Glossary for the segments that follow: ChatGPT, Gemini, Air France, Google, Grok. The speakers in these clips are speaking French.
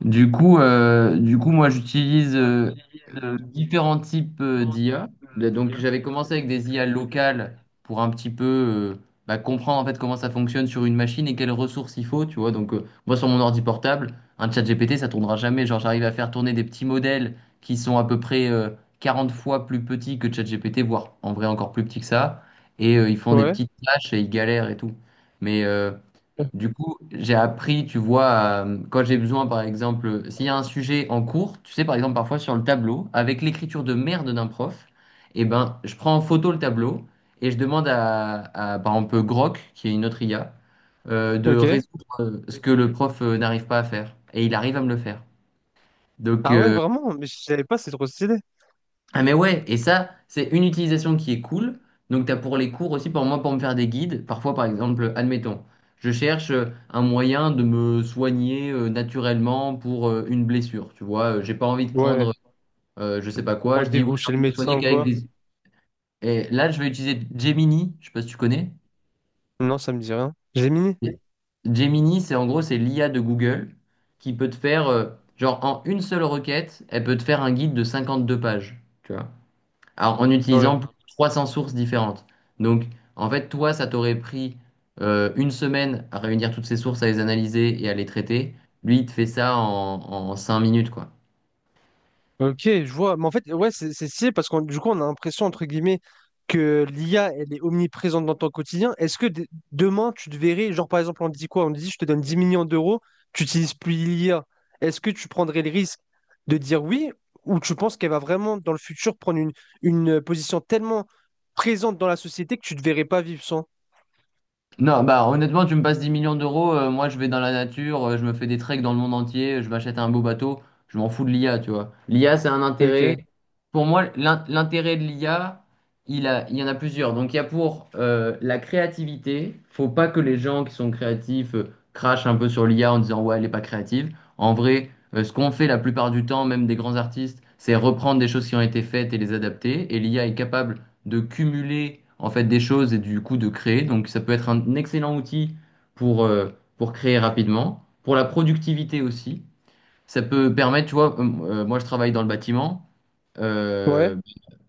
Du coup, moi, j'utilise Moi, j'utilise différents types différents types d'IA. Donc, d'IA. j'avais commencé avec Donc, des je vais IA commencer avec des. locales pour un petit peu comprendre en fait comment ça fonctionne sur une machine et quelles ressources il faut, tu vois. Donc, moi, sur mon ordi portable, un chat GPT, ça tournera jamais. Genre, j'arrive à faire tourner des petits modèles qui sont à peu près 40 fois plus petits que chat GPT, voire en vrai encore plus petits que ça. Et ils font des Ouais, petites tâches et ils galèrent et tout. Mais du coup, j'ai appris, tu vois, quand j'ai besoin, par exemple, s'il y a un sujet en cours, tu sais, par exemple, parfois sur le tableau, avec l'écriture de merde d'un prof, eh ben, je prends en photo le tableau et je demande par exemple, Grok, qui est une autre IA, de ok. résoudre des- ce que le prof n'arrive pas à faire. Et il arrive à me le faire. Donc, Ah ouais, euh, vraiment? Mais je savais pas, c'est trop stylé. ah mais ouais, et ça, c'est une utilisation qui est cool. Donc t'as pour les cours aussi, pour moi, pour me faire des guides. Parfois, par exemple, admettons, je cherche un moyen de me soigner naturellement pour une blessure. Tu vois. J'ai pas envie de Ouais. prendre je sais pas quoi. Je dis ouais, Rendez-vous j'ai chez le envie de me soigner médecin ou qu'avec quoi? des. Et là, je vais utiliser Gemini. Je sais pas si tu connais. Non, ça me dit rien. Gemini? Gemini, c'est en gros, c'est l'IA de Google qui peut te faire, genre en une seule requête, elle peut te faire un guide de 52 pages. Tu vois. Alors, en Ouais. utilisant plus de 300 sources différentes. Donc, en fait, toi, ça t'aurait pris une semaine à réunir toutes ces sources, à les analyser et à les traiter. Lui, il te fait ça en 5 minutes, quoi. Ok, je vois. Mais en fait, ouais, c'est stylé parce qu'on du coup, on a l'impression, entre guillemets, que l'IA, elle est omniprésente dans ton quotidien. Est-ce que demain, tu te verrais, genre par exemple, on te dit quoi? On te dit, je te donne 10 millions d'euros, tu n'utilises plus l'IA. Est-ce que tu prendrais le risque de dire oui ou tu penses qu'elle va vraiment, dans le futur, prendre une position tellement présente dans la société que tu ne te verrais pas vivre sans? Non, bah honnêtement, tu me passes 10 millions d'euros, moi je vais dans la nature, je me fais des treks dans le monde entier, je m'achète un beau bateau, je m'en fous de l'IA, tu vois. L'IA, c'est un intérêt. Ok. Pour moi, l'intérêt de l'IA, il y en a plusieurs. Donc il y a pour la créativité, faut pas que les gens qui sont créatifs crachent un peu sur l'IA en disant ouais, elle est pas créative. En vrai, ce qu'on fait la plupart du temps, même des grands artistes, c'est reprendre des choses qui ont été faites et les adapter. Et l'IA est capable de cumuler en fait des choses et du coup de créer. Donc ça peut être un excellent outil pour, euh, pour créer rapidement, pour la productivité aussi. Ça peut permettre, tu vois, moi je travaille dans le bâtiment. Ouais. Euh,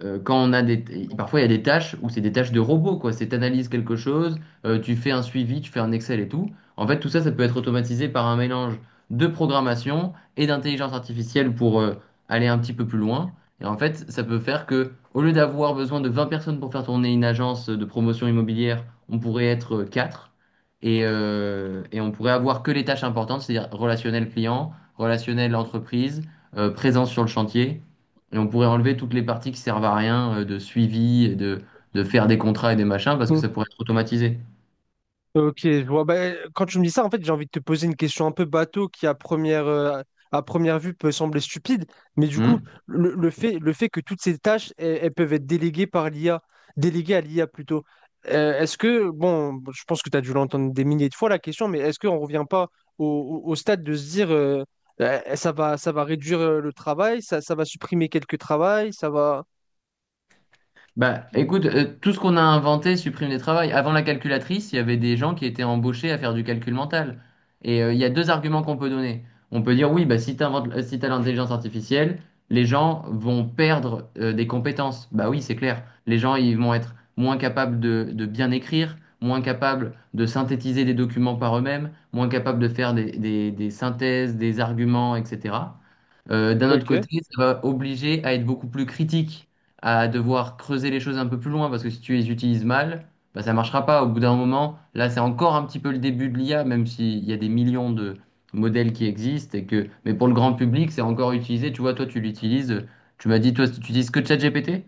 quand on a des, Parfois il y a des tâches où c'est des tâches de robot, quoi. C'est analyse quelque chose, tu fais un suivi, tu fais un Excel et tout. En fait, tout ça, ça peut être automatisé par un mélange de programmation et d'intelligence artificielle pour aller un petit peu plus loin. Et en fait, ça peut faire que, au lieu d'avoir besoin de 20 personnes pour faire tourner une agence de promotion immobilière, on pourrait être 4 et on pourrait avoir que les tâches importantes, c'est-à-dire relationnel client relationnel entreprise, présence sur le chantier. Et on pourrait enlever toutes les parties qui servent à rien de suivi et de faire des contrats et des machins parce que ça pourrait Mm. être automatisé. Ok, je vois. Bah, quand tu me dis ça, en fait, j'ai envie de te poser une question un peu bateau qui, à première vue, peut sembler stupide. Mais du Hmm. coup, le fait, le fait que toutes ces tâches, elles peuvent être déléguées par l'IA, déléguées à l'IA plutôt. Est-ce que, bon, je pense que tu as dû l'entendre des milliers de fois la question, mais est-ce qu'on ne revient pas au stade de se dire ça va réduire le travail, ça va supprimer quelques travails, ça va. Bah, écoute, tout ce qu'on a inventé supprime des travails. Avant la calculatrice, il y avait des gens qui étaient embauchés à faire du calcul mental. Et il y a deux arguments qu'on peut donner. On peut dire, oui, bah, si t'as l'intelligence artificielle, les gens vont perdre des compétences. Bah oui, c'est clair. Les gens, ils vont être moins capables de bien écrire, moins capables de synthétiser des documents par eux-mêmes, moins capables de faire des synthèses, des arguments, etc. D'un autre Ok. côté, ça va obliger à être beaucoup plus critique à devoir creuser les choses un peu plus loin parce que si tu les utilises mal, bah, ça marchera pas. Au bout d'un moment, là, c'est encore un petit peu le début de l'IA, même s'il y a des millions de modèles qui existent et que, mais pour le grand public, c'est encore utilisé. Tu vois, toi, tu l'utilises. Tu m'as dit, toi, tu utilises que ChatGPT?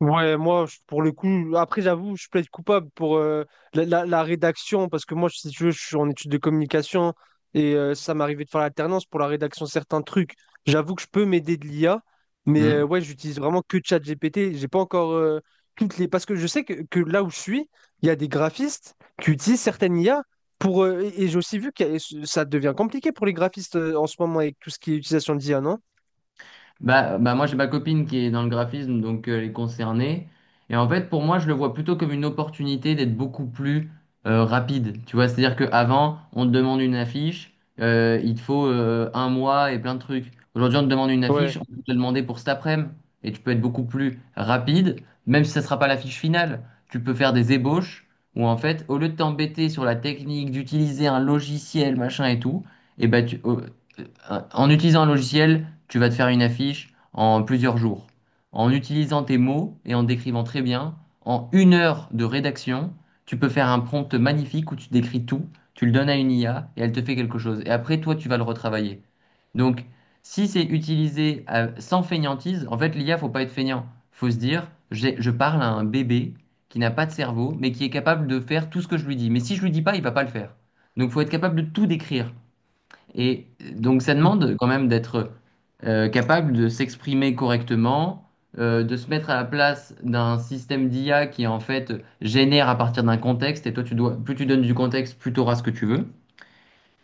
Ouais, moi, pour le coup, après, j'avoue, je plaide coupable pour la rédaction, parce que moi, si tu veux, je suis en études de communication et ça m'arrivait de faire l'alternance pour la rédaction de certains trucs. J'avoue que je peux m'aider de l'IA, mais ouais, j'utilise vraiment que ChatGPT. J'ai pas encore toutes les. Parce que je sais que là où je suis, il y a des graphistes qui utilisent certaines IA pour. Et j'ai aussi vu que ça devient compliqué pour les graphistes en ce moment avec tout ce qui est utilisation d'IA, non? Bah, moi j'ai ma copine qui est dans le graphisme, donc elle est concernée. Et en fait, pour moi, je le vois plutôt comme une opportunité d'être beaucoup plus rapide. Tu vois, c'est-à-dire qu'avant, on te demande une affiche, il te faut un mois et plein de trucs. Aujourd'hui, on te demande une affiche, Ouais. on peut te demander pour cet après-midi. Et tu peux être beaucoup plus rapide, même si ça ne sera pas l'affiche finale. Tu peux faire des ébauches où en fait, au lieu de t'embêter sur la technique, d'utiliser un logiciel, machin et tout, et ben tu, en utilisant un logiciel, tu vas te faire une affiche en plusieurs jours. En utilisant tes mots et en décrivant très bien, en une heure de rédaction, tu peux faire un prompt magnifique où tu décris tout, tu le donnes à une IA et elle te fait quelque chose. Et après, toi, tu vas le retravailler. Donc, si c'est utilisé sans fainéantise, en fait, l'IA, faut pas être fainéant. Faut se dire, je parle à un bébé qui n'a pas de cerveau, mais qui est capable de faire tout ce que je lui dis. Mais si je lui dis pas, il va pas le faire. Donc, faut être capable de tout décrire. Et donc ça Mm. demande quand même d'être capable de s'exprimer correctement, de se mettre à la place d'un système d'IA qui en fait génère à partir d'un contexte, plus tu donnes du contexte, plus tu auras ce que tu veux.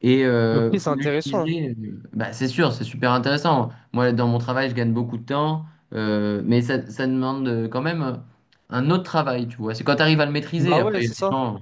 Et Ok, euh, c'est faut intéressant. l'utiliser, euh, Bah, c'est sûr, c'est super intéressant. Moi, dans mon travail, je gagne beaucoup de temps. Mais ça demande quand même un autre travail, tu vois. C'est quand tu arrives à le maîtriser, Bah après, ouais, c'est les ça. gens...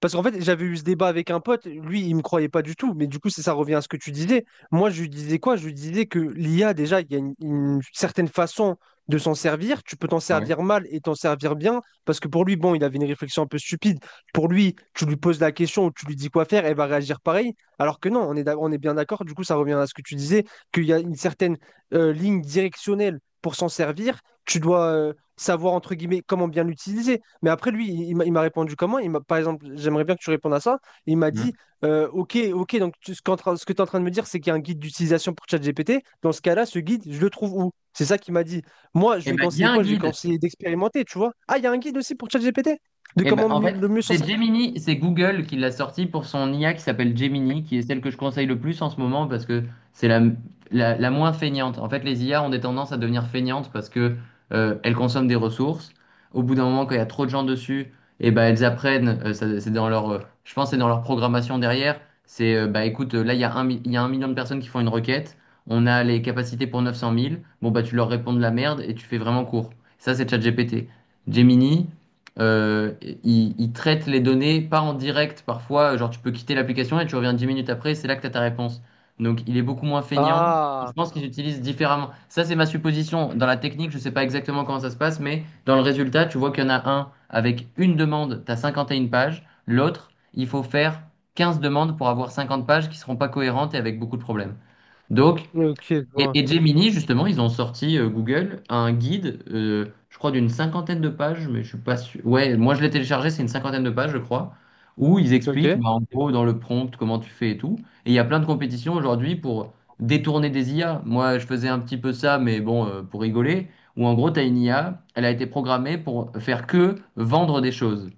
Parce qu'en fait, j'avais eu ce débat avec un pote, lui, il me croyait pas du tout, mais du coup, ça revient à ce que tu disais. Moi, je lui disais quoi? Je lui disais que l'IA, déjà, il y a une certaine façon de s'en servir. Tu peux t'en Ouais. servir mal et t'en servir bien, parce que pour lui, bon, il avait une réflexion un peu stupide. Pour lui, tu lui poses la question ou tu lui dis quoi faire, elle va réagir pareil. Alors que non, on est, on est bien d'accord, du coup, ça revient à ce que tu disais, qu'il y a une certaine ligne directionnelle pour s'en servir. Tu dois savoir, entre guillemets, comment bien l'utiliser. Mais après, lui, il m'a répondu comment? Il m'a, par exemple, j'aimerais bien que tu répondes à ça. Il m'a dit, Mmh. OK, OK, donc ce que tu es en train de me dire, c'est qu'il y a un guide d'utilisation pour ChatGPT. Dans ce cas-là, ce guide, je le trouve où? C'est ça qu'il m'a dit. Moi, je Eh lui ai ben, il y conseillé a un quoi? Je lui ai guide. conseillé d'expérimenter, tu vois. Ah, il y a un guide aussi pour ChatGPT? De Eh ben, comment en mieux- fait, le mieux s'en c'est servir? Gemini, c'est Google qui l'a sorti pour son IA qui s'appelle Gemini, qui est celle que je conseille le plus en ce moment parce que c'est la moins feignante. En fait, les IA ont des tendances à devenir feignantes parce que elles consomment des ressources. Au bout d'un moment, quand il y a trop de gens dessus, eh ben, elles apprennent. C'est dans leur, je pense, que c'est dans leur programmation derrière. Bah, écoute, là, il y a 1 million de personnes qui font une requête. On a les capacités pour 900 000. Bon, bah, tu leur réponds de la merde et tu fais vraiment court. Ça, c'est ChatGPT. Gemini. Euh, il traite les données, pas en direct parfois, genre tu peux quitter l'application et tu reviens 10 minutes après, c'est là que tu as ta réponse. Donc il est beaucoup moins feignant. Je Ah, pense qu'ils utilisent différemment. Ça, c'est ma supposition. Dans la technique, je ne sais pas exactement comment ça se passe, mais dans le résultat, tu vois qu'il y en a un avec une demande, tu as 51 pages. L'autre, il faut faire 15 demandes pour avoir 50 pages qui seront pas cohérentes et avec beaucoup de problèmes. Donc, ok, je et, vois. et Gemini, justement, ils ont sorti Google un guide, je crois, d'une cinquantaine de pages, mais je suis pas sûr. Ouais, moi je l'ai téléchargé, c'est une cinquantaine de pages, je crois, où ils expliquent, Ok. bah, en gros, dans le prompt, comment tu fais et tout. Et il y a plein de compétitions aujourd'hui pour détourner des IA. Moi, je faisais un petit peu ça, mais bon, pour rigoler, où en gros, tu as une IA, elle a été programmée pour faire que vendre des choses.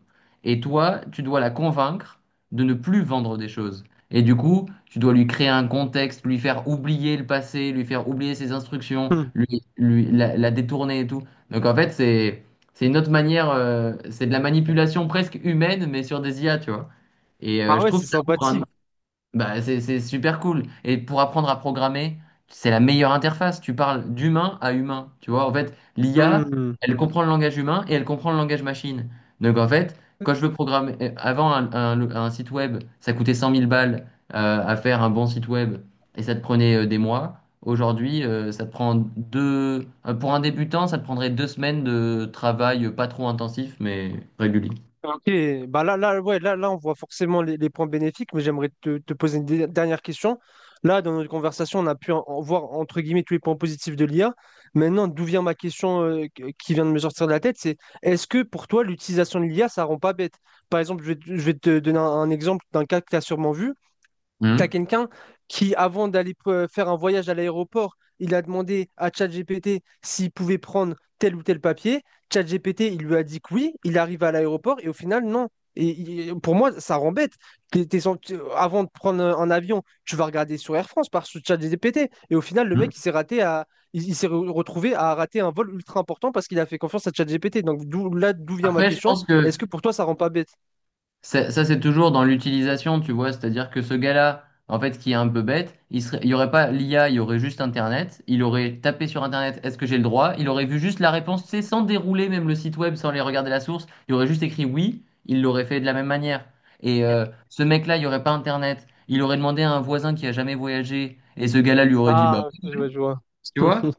Et toi, tu dois la convaincre de ne plus vendre des choses. Et du coup, tu dois lui créer un contexte, lui faire oublier le passé, lui faire oublier ses instructions, Hmm. la détourner et tout. Donc en fait, c'est une autre manière, c'est de la manipulation presque humaine, mais sur des IA, tu vois. Et Ah je ouais, trouve c'est que ça ouvre un sympathique. Bah, c'est super cool. Et pour apprendre à programmer, c'est la meilleure interface. Tu parles d'humain à humain. Tu vois, en fait, l'IA, Hmm. elle comprend le langage humain et elle comprend le langage machine. Donc, en fait, quand je veux programmer, avant un site web, ça coûtait 100 000 balles à faire un bon site web et ça te prenait des mois. Aujourd'hui, ça te prend deux. Pour un débutant, ça te prendrait deux semaines de travail pas trop intensif, mais régulier. Ok, bah là, là, ouais, là, là, on voit forcément les points bénéfiques, mais j'aimerais te poser une dernière question. Là, dans notre conversation, on a pu en voir entre guillemets tous les points positifs de l'IA. Maintenant, d'où vient ma question qui vient de me sortir de la tête, c'est est-ce que pour toi, l'utilisation de l'IA, ça rend pas bête? Par exemple, je vais te donner un exemple d'un cas que tu as sûrement vu. T'as Hum. quelqu'un qui, avant d'aller faire un voyage à l'aéroport, il a demandé à ChatGPT s'il pouvait prendre tel ou tel papier. ChatGPT, il lui a dit que oui. Il arrive à l'aéroport et au final, non. Et pour moi, ça rend bête. T'es- t'es sans- tu- Avant de prendre un avion, tu vas regarder sur Air France par sur ChatGPT. Et au final, le Hum. mec, il s'est raté à, il s'est re- retrouvé à rater un vol ultra important parce qu'il a fait confiance à ChatGPT. Donc d'où, là, d'où vient ma Après, je question. pense que Est-ce que pour toi, ça rend pas bête? ça, c'est toujours dans l'utilisation, tu vois, c'est-à-dire que ce gars-là, en fait, qui est un peu bête, il serait, il y aurait pas l'IA, il y aurait juste Internet, il aurait tapé sur Internet, est-ce que j'ai le droit? Il aurait vu juste la réponse, tu sais, sans dérouler même le site web, sans aller regarder la source, il aurait juste écrit oui, il l'aurait fait de la même manière. Et ce mec-là, il n'y aurait pas Internet, il aurait demandé à un voisin qui a jamais voyagé, et ce gars-là lui aurait dit, bah, Ah, ok, je vois, je vois. tu vois?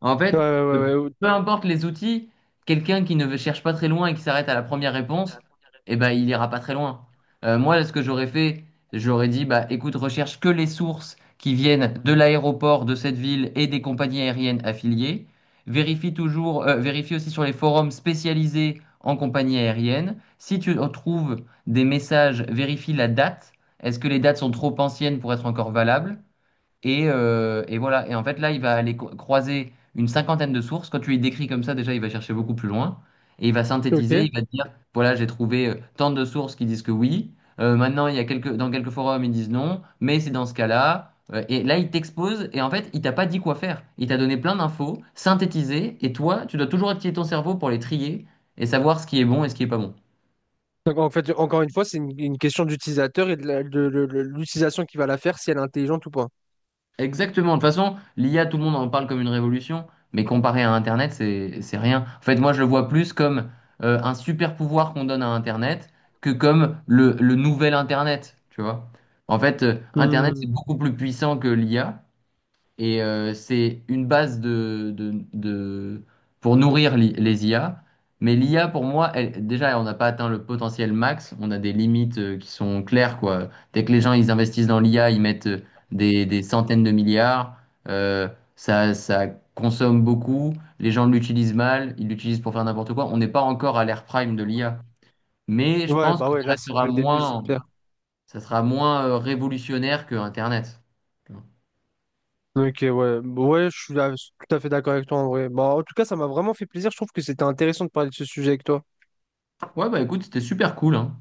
En Ouais, fait, peu ouais, ouais, ouais. importe les outils, quelqu'un qui ne cherche pas très loin et qui s'arrête à la première réponse, eh ben, il ira pas très loin. Moi, ce que j'aurais fait, j'aurais dit, bah, écoute, recherche que les sources qui viennent de l'aéroport de cette ville et des compagnies aériennes affiliées. Vérifie toujours, vérifie aussi sur les forums spécialisés en compagnie aérienne. Si tu trouves des messages, vérifie la date. Est-ce que les dates sont trop anciennes pour être encore valables? Et voilà. Et en fait, là, il va aller croiser une cinquantaine de sources. Quand tu les décris comme ça, déjà, il va chercher beaucoup plus loin. Et il va Ok. synthétiser. Il va te dire, voilà, j'ai trouvé tant de sources qui disent que oui. Maintenant, il y a quelques, dans quelques forums, ils disent non. Mais c'est dans ce cas-là. Et là, il t'expose. Et en fait, il t'a pas dit quoi faire. Il t'a donné plein d'infos synthétisées. Et toi, tu dois toujours activer ton cerveau pour les trier et savoir ce qui est bon et ce qui est pas bon. Donc, en fait, encore une fois, c'est une question d'utilisateur et de l'utilisation qu'il va la faire, si elle est intelligente ou pas. Exactement. De toute façon, l'IA, tout le monde en parle comme une révolution, mais comparé à Internet, c'est rien. En fait, moi, je le vois plus comme un super pouvoir qu'on donne à Internet que comme le nouvel Internet, tu vois. En fait, Internet, c'est Hmm. beaucoup plus puissant que l'IA, et c'est une base pour nourrir les IA. Mais l'IA, pour moi, elle- déjà, on n'a pas atteint le potentiel max. On a des limites qui sont claires, quoi. Dès que les gens ils investissent dans l'IA, ils mettent des centaines de milliards. Euh, Ça, ça consomme beaucoup. Les gens l'utilisent mal. Ils l'utilisent pour faire n'importe quoi. On n'est pas encore à l'ère prime de l'IA. Mais je Ouais, pense bah que ouais, ça là, c'est que restera le début, c'est moins, clair. ça sera moins révolutionnaire que Internet. Ok, ouais, ouais, je suis tout à fait d'accord avec toi en vrai. Bah, en tout cas, ça m'a vraiment fait plaisir. Je trouve que c'était intéressant de parler de ce sujet avec toi. Ouais, bah écoute, c'était super cool, hein.